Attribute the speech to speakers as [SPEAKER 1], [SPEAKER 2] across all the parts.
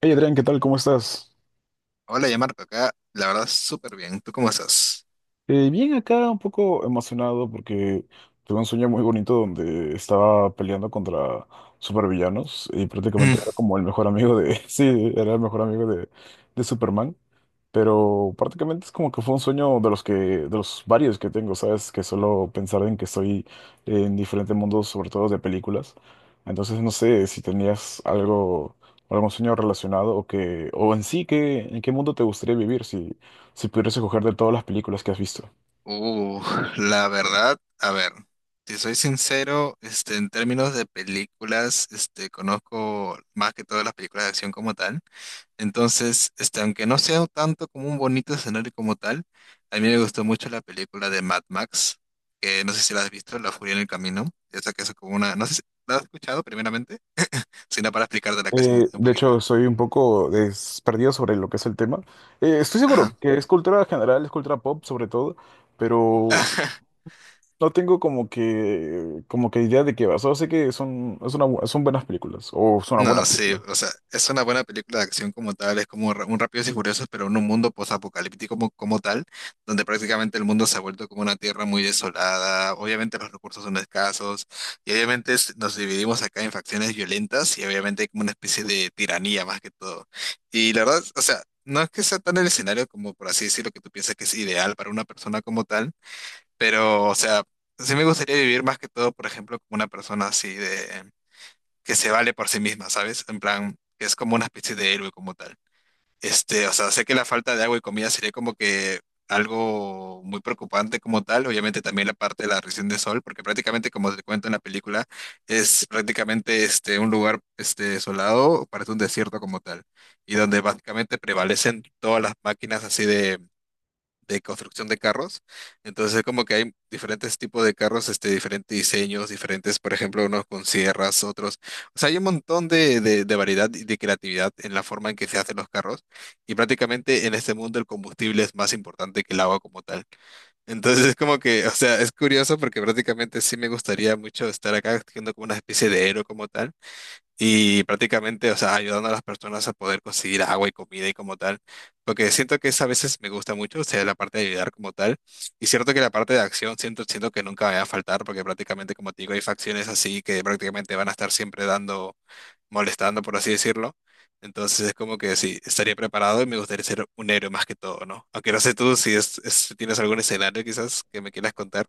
[SPEAKER 1] Hey Adrián, ¿qué tal? ¿Cómo estás?
[SPEAKER 2] Hola, ya Marco, acá la verdad súper bien. ¿Tú cómo estás?
[SPEAKER 1] Bien acá, un poco emocionado porque tuve un sueño muy bonito donde estaba peleando contra supervillanos y prácticamente era
[SPEAKER 2] Mm.
[SPEAKER 1] como el mejor amigo de... Sí, era el mejor amigo de Superman, pero prácticamente es como que fue un sueño de los varios que tengo, ¿sabes? Que solo pensar en que estoy en diferentes mundos, sobre todo de películas. Entonces no sé si tenías algo... algún sueño relacionado o en sí, que, ¿en qué mundo te gustaría vivir si, si pudieras escoger de todas las películas que has visto?
[SPEAKER 2] Uh, la verdad, a ver, si soy sincero, este, en términos de películas, este, conozco más que todas las películas de acción como tal. Entonces, este, aunque no sea tanto como un bonito escenario como tal, a mí me gustó mucho la película de Mad Max, que no sé si la has visto, La Furia en el Camino. Esa que es como una, no sé si la has escuchado primeramente, sino para explicártela casi
[SPEAKER 1] Eh,
[SPEAKER 2] un
[SPEAKER 1] de
[SPEAKER 2] poquito.
[SPEAKER 1] hecho, soy un poco perdido sobre lo que es el tema. Estoy
[SPEAKER 2] Ajá.
[SPEAKER 1] seguro que es cultura general, es cultura pop sobre todo, pero no tengo como que idea de qué va. Solo sé que son, es una son buenas películas, o son una buena
[SPEAKER 2] No, sí,
[SPEAKER 1] película.
[SPEAKER 2] o sea, es una buena película de acción como tal, es como un Rápidos y Furiosos, pero en un mundo posapocalíptico como tal, donde prácticamente el mundo se ha vuelto como una tierra muy desolada, obviamente los recursos son escasos, y obviamente nos dividimos acá en facciones violentas, y obviamente hay como una especie de tiranía más que todo. Y la verdad, o sea, no es que sea tan el escenario como, por así decirlo, que tú piensas que es ideal para una persona como tal, pero, o sea, sí me gustaría vivir más que todo, por ejemplo, como una persona así que se vale por sí misma, ¿sabes? En plan, que es como una especie de héroe como tal. Este, o sea, sé que la falta de agua y comida sería como que algo muy preocupante como tal, obviamente también la parte de la región de sol, porque prácticamente como te cuento en la película, es prácticamente este un lugar este desolado, parece un desierto como tal, y donde básicamente prevalecen todas las máquinas así de construcción de carros. Entonces es como que hay diferentes tipos de carros, este, diferentes diseños, diferentes, por ejemplo, unos con sierras, otros. O sea, hay un montón de variedad y de creatividad en la forma en que se hacen los carros. Y prácticamente en este mundo el combustible es más importante que el agua como tal. Entonces es como que, o sea, es curioso porque prácticamente sí me gustaría mucho estar acá haciendo como una especie de héroe como tal y prácticamente, o sea, ayudando a las personas a poder conseguir agua y comida y como tal, porque siento que esa a veces me gusta mucho, o sea, la parte de ayudar como tal, y cierto que la parte de acción siento que nunca me va a faltar, porque prácticamente, como te digo, hay facciones así que prácticamente van a estar siempre dando, molestando, por así decirlo, entonces es como que sí, estaría preparado y me gustaría ser un héroe más que todo, ¿no? Aunque no sé tú si tienes algún escenario quizás que me quieras contar.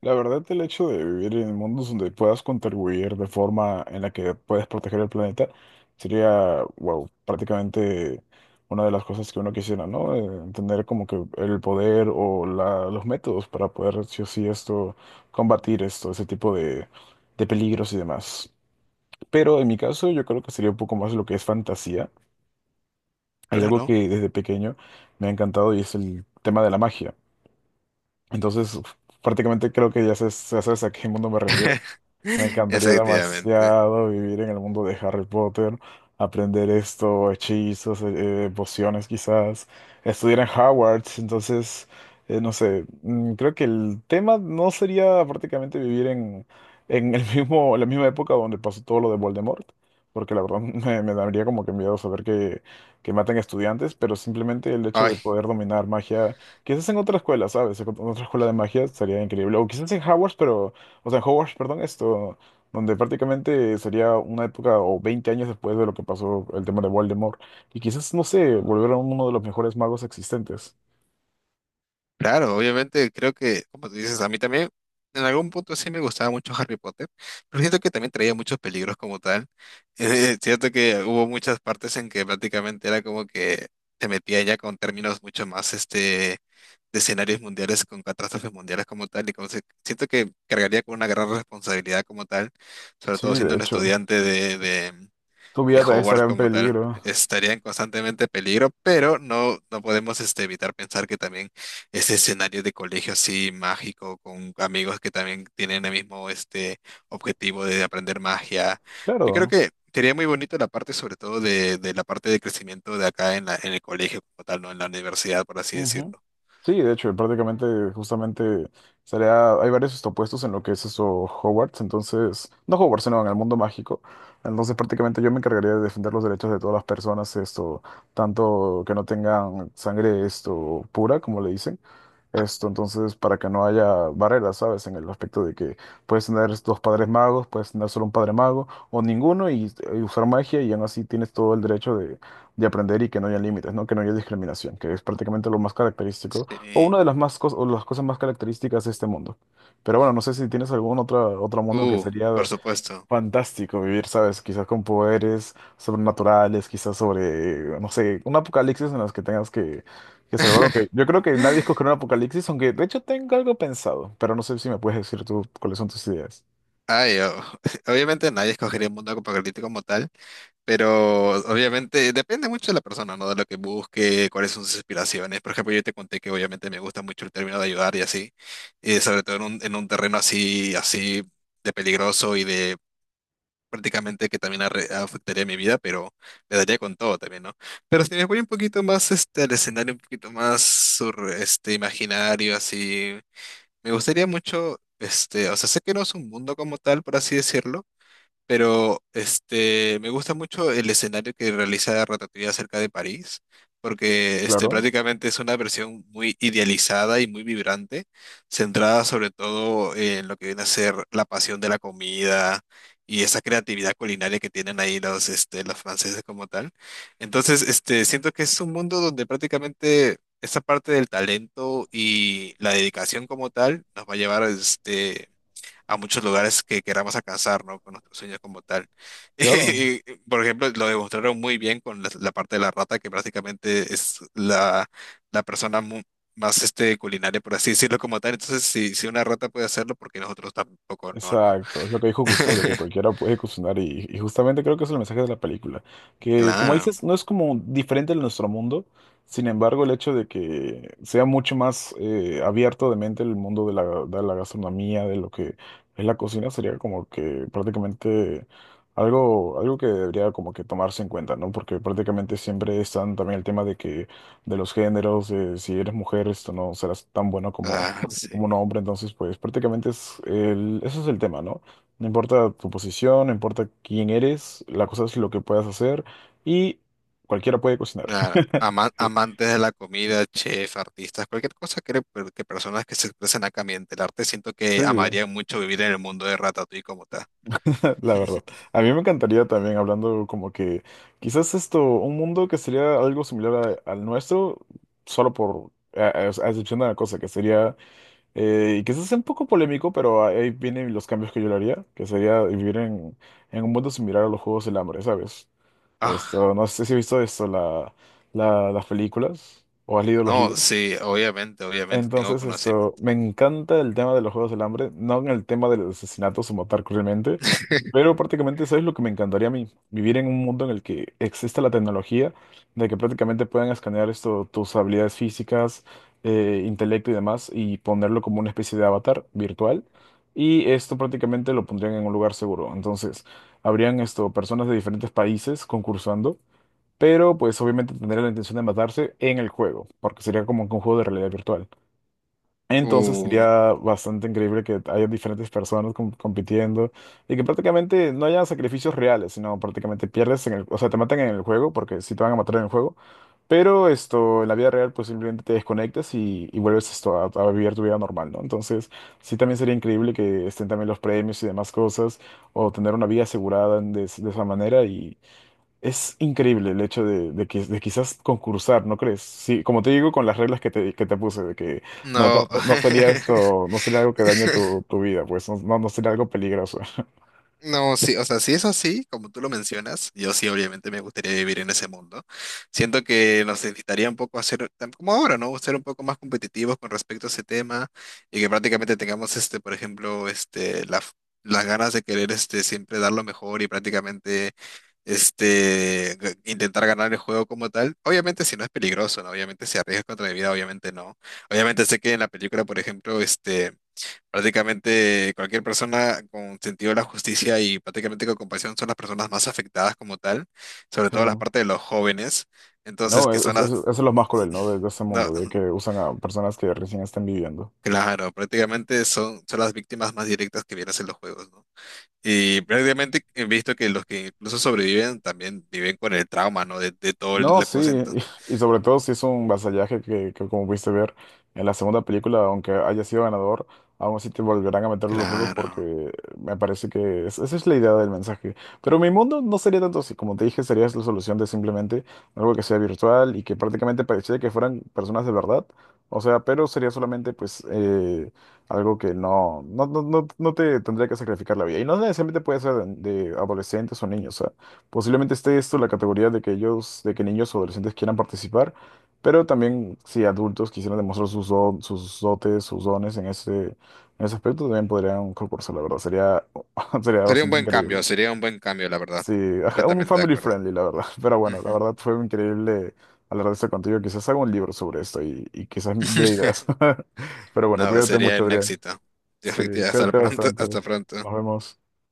[SPEAKER 1] La verdad, el hecho de vivir en mundos donde puedas contribuir de forma en la que puedes proteger el planeta sería, wow, prácticamente una de las cosas que uno quisiera, ¿no? Tener como que el poder o los métodos para poder, sí o sí, esto, combatir esto, ese tipo de peligros y demás. Pero en mi caso, yo creo que sería un poco más lo que es fantasía. Hay algo
[SPEAKER 2] Claro.
[SPEAKER 1] que desde pequeño me ha encantado, y es el tema de la magia. Entonces, prácticamente creo que ya sabes a qué mundo me refiero. Me encantaría
[SPEAKER 2] Efectivamente.
[SPEAKER 1] demasiado vivir en el mundo de Harry Potter, aprender esto, hechizos, pociones quizás, estudiar en Hogwarts, entonces, no sé, creo que el tema no sería prácticamente vivir en el mismo, la misma época donde pasó todo lo de Voldemort, porque la verdad me daría como que miedo saber que matan estudiantes, pero simplemente el hecho de
[SPEAKER 2] Ay,
[SPEAKER 1] poder dominar magia, quizás en otra escuela, ¿sabes? En otra escuela de magia estaría increíble, o quizás en Hogwarts, pero... O sea, en Hogwarts, perdón, esto, donde prácticamente sería una época o 20 años después de lo que pasó el tema de Voldemort. Y quizás, no sé, volver a uno de los mejores magos existentes.
[SPEAKER 2] claro, obviamente creo que, como tú dices, a mí también en algún punto sí me gustaba mucho Harry Potter, pero siento que también traía muchos peligros como tal. Siento que hubo muchas partes en que prácticamente era como que se metía ya con términos mucho más este de escenarios mundiales, con catástrofes mundiales como tal, y como siento que cargaría con una gran responsabilidad como tal, sobre
[SPEAKER 1] Sí,
[SPEAKER 2] todo siendo
[SPEAKER 1] de
[SPEAKER 2] un
[SPEAKER 1] hecho.
[SPEAKER 2] estudiante de,
[SPEAKER 1] Tu vida
[SPEAKER 2] de,
[SPEAKER 1] también
[SPEAKER 2] Hogwarts
[SPEAKER 1] estaría en
[SPEAKER 2] como tal
[SPEAKER 1] peligro.
[SPEAKER 2] estaría en constantemente peligro, pero no, no podemos este, evitar pensar que también ese escenario de colegio así mágico, con amigos que también tienen el mismo este, objetivo de aprender magia, yo creo
[SPEAKER 1] Claro.
[SPEAKER 2] que sería muy bonito la parte sobre todo de la parte de crecimiento de acá en en el colegio como tal, ¿no? En la universidad, por así
[SPEAKER 1] Ujú.
[SPEAKER 2] decirlo.
[SPEAKER 1] Sí, de hecho, prácticamente, justamente, estaría, hay varios opuestos en lo que es eso Hogwarts, entonces, no Hogwarts, sino en el mundo mágico. Entonces, prácticamente yo me encargaría de defender los derechos de todas las personas, esto, tanto que no tengan sangre esto pura, como le dicen. Esto, entonces, para que no haya barreras, ¿sabes? En el aspecto de que puedes tener dos padres magos, puedes tener solo un padre mago o ninguno y usar magia y aún así tienes todo el derecho de aprender y que no haya límites, ¿no? Que no haya discriminación, que es prácticamente lo más característico o
[SPEAKER 2] Sí.
[SPEAKER 1] una de las más cos- o las cosas más características de este mundo. Pero bueno, no sé si tienes algún otro mundo que
[SPEAKER 2] Por
[SPEAKER 1] sería
[SPEAKER 2] supuesto.
[SPEAKER 1] fantástico vivir, ¿sabes? Quizás con poderes sobrenaturales, quizás sobre, no sé, un apocalipsis en los que tengas que salvar. Yo creo que nadie escogerá un apocalipsis, aunque de hecho tengo algo pensado, pero no sé si me puedes decir tú cuáles son tus ideas.
[SPEAKER 2] Ay, obviamente nadie escogería un mundo apocalíptico como tal. Pero obviamente depende mucho de la persona, ¿no? De lo que busque, cuáles son sus aspiraciones. Por ejemplo, yo te conté que obviamente me gusta mucho el término de ayudar y así, sobre todo en un terreno así, así de peligroso y de prácticamente que también afectaría mi vida, pero le daría con todo también, ¿no? Pero si me voy un poquito más este, al escenario, un poquito más sur, este, imaginario, así, me gustaría mucho, este, o sea, sé que no es un mundo como tal, por así decirlo, pero este, me gusta mucho el escenario que realiza Ratatouille acerca de París, porque este,
[SPEAKER 1] Claro,
[SPEAKER 2] prácticamente es una versión muy idealizada y muy vibrante, centrada sobre todo en lo que viene a ser la pasión de la comida y esa creatividad culinaria que tienen ahí los, este, los franceses como tal. Entonces, este, siento que es un mundo donde prácticamente esa parte del talento y la dedicación como tal nos va a llevar este, a muchos lugares que queramos alcanzar, ¿no? Con nuestros sueños como tal.
[SPEAKER 1] claro.
[SPEAKER 2] Y, por ejemplo, lo demostraron muy bien con la parte de la rata, que prácticamente es la persona más este, culinaria, por así decirlo, como tal. Entonces, si una rata puede hacerlo, porque nosotros tampoco no, ¿no?
[SPEAKER 1] Exacto, es lo que dijo Gusteau, de que cualquiera puede cocinar y justamente creo que es el mensaje de la película, que como
[SPEAKER 2] Claro,
[SPEAKER 1] dices, no es como diferente de nuestro mundo, sin embargo el hecho de que sea mucho más abierto de mente el mundo de de la gastronomía, de lo que es la cocina, sería como que prácticamente algo, algo que debería como que tomarse en cuenta, ¿no? Porque prácticamente siempre están también el tema de que de los géneros, de si eres mujer, esto no serás tan bueno
[SPEAKER 2] claro, sí.
[SPEAKER 1] como un hombre, entonces pues prácticamente es el, eso es el tema, ¿no? No importa tu posición, no importa quién eres, la cosa es lo que puedas hacer y cualquiera puede cocinar.
[SPEAKER 2] Claro,
[SPEAKER 1] Sí,
[SPEAKER 2] amantes de la comida, chef, artistas, cualquier cosa que personas que se expresan acá en el arte, siento que
[SPEAKER 1] sí,
[SPEAKER 2] amarían mucho vivir en el mundo de Ratatouille como tal.
[SPEAKER 1] la verdad. A mí me encantaría también hablando como que quizás esto, un mundo que sería algo similar al nuestro, solo por, a excepción de una cosa, que sería, y quizás sea un poco polémico, pero ahí vienen los cambios que yo le haría, que sería vivir en un mundo similar a los Juegos del Hambre, ¿sabes? Esto,
[SPEAKER 2] Ah.
[SPEAKER 1] no sé si has visto esto, las películas o has leído los
[SPEAKER 2] No,
[SPEAKER 1] libros.
[SPEAKER 2] sí, obviamente, obviamente tengo
[SPEAKER 1] Entonces,
[SPEAKER 2] conocimiento.
[SPEAKER 1] esto, me encanta el tema de los Juegos del Hambre, no en el tema de los asesinatos o matar cruelmente, pero prácticamente eso es lo que me encantaría a mí, vivir en un mundo en el que exista la tecnología, de que prácticamente puedan escanear esto, tus habilidades físicas, intelecto y demás, y ponerlo como una especie de avatar virtual. Y esto prácticamente lo pondrían en un lugar seguro. Entonces, habrían esto, personas de diferentes países concursando, pero pues obviamente tendría la intención de matarse en el juego, porque sería como que un juego de realidad virtual. Entonces
[SPEAKER 2] Uh,
[SPEAKER 1] sería bastante increíble que haya diferentes personas compitiendo y que prácticamente no haya sacrificios reales, sino prácticamente pierdes en el, o sea, te matan en el juego, porque si te van a matar en el juego, pero esto, en la vida real, pues simplemente te desconectas y vuelves esto a vivir tu vida normal, ¿no? Entonces, sí también sería increíble que estén también los premios y demás cosas, o tener una vida asegurada de esa manera es increíble el hecho de de quizás concursar, ¿no crees? Sí, como te digo, con las reglas que te puse, de que no,
[SPEAKER 2] no.
[SPEAKER 1] no sería esto, no sería algo que dañe tu, tu vida, pues no, no sería algo peligroso.
[SPEAKER 2] No, sí, o sea, si es así, como tú lo mencionas, yo sí obviamente me gustaría vivir en ese mundo. Siento que nos necesitaría un poco hacer, tan como ahora, ¿no? Ser un poco más competitivos con respecto a ese tema y que prácticamente tengamos, este, por ejemplo, este, las ganas de querer, este, siempre dar lo mejor y prácticamente, este, intentar ganar el juego como tal. Obviamente si no es peligroso, ¿no? Obviamente si arriesgas contra mi vida, obviamente no. Obviamente sé que en la película, por ejemplo, este, prácticamente cualquier persona con sentido de la justicia y prácticamente con compasión son las personas más afectadas como tal, sobre
[SPEAKER 1] Sí.
[SPEAKER 2] todo las partes de los jóvenes, entonces
[SPEAKER 1] No,
[SPEAKER 2] que son las...
[SPEAKER 1] eso es lo más cruel, ¿no? De ese
[SPEAKER 2] No,
[SPEAKER 1] mundo, de que usan a personas que recién están viviendo.
[SPEAKER 2] claro, prácticamente son, son, las víctimas más directas que vienes en los juegos, ¿no? Y prácticamente he visto que los que incluso sobreviven también viven con el trauma, ¿no? de todo
[SPEAKER 1] No,
[SPEAKER 2] la
[SPEAKER 1] sí,
[SPEAKER 2] cosa.
[SPEAKER 1] y sobre todo si es un vasallaje que como pudiste ver en la segunda película, aunque haya sido ganador, aún así te volverán a meter los juegos
[SPEAKER 2] Claro.
[SPEAKER 1] porque me parece que esa es la idea del mensaje. Pero mi mundo no sería tanto así, como te dije, sería la solución de simplemente algo que sea virtual y que prácticamente pareciera que fueran personas de verdad. O sea, pero sería solamente pues algo que no, no te tendría que sacrificar la vida. Y no necesariamente puede ser de adolescentes o niños. Posiblemente esté esto en la categoría de que ellos, de que niños o adolescentes quieran participar, pero también si adultos quisieran demostrar sus, sus dotes, sus dones en ese aspecto, también podrían concursar, la verdad. Sería, sería
[SPEAKER 2] Sería un
[SPEAKER 1] bastante
[SPEAKER 2] buen cambio,
[SPEAKER 1] increíble.
[SPEAKER 2] sería un buen cambio, la verdad.
[SPEAKER 1] Sí, ajá, un
[SPEAKER 2] Completamente de
[SPEAKER 1] family
[SPEAKER 2] acuerdo.
[SPEAKER 1] friendly, la verdad. Pero bueno, la
[SPEAKER 2] Ujú.
[SPEAKER 1] verdad fue increíble hablar de esto contigo. Quizás haga un libro sobre esto y quizás de ideas. Pero bueno,
[SPEAKER 2] No,
[SPEAKER 1] cuídate
[SPEAKER 2] sería
[SPEAKER 1] mucho,
[SPEAKER 2] un
[SPEAKER 1] Adrián.
[SPEAKER 2] éxito.
[SPEAKER 1] Sí,
[SPEAKER 2] Efectivamente,
[SPEAKER 1] cuídate bastante.
[SPEAKER 2] hasta pronto.
[SPEAKER 1] Nos vemos.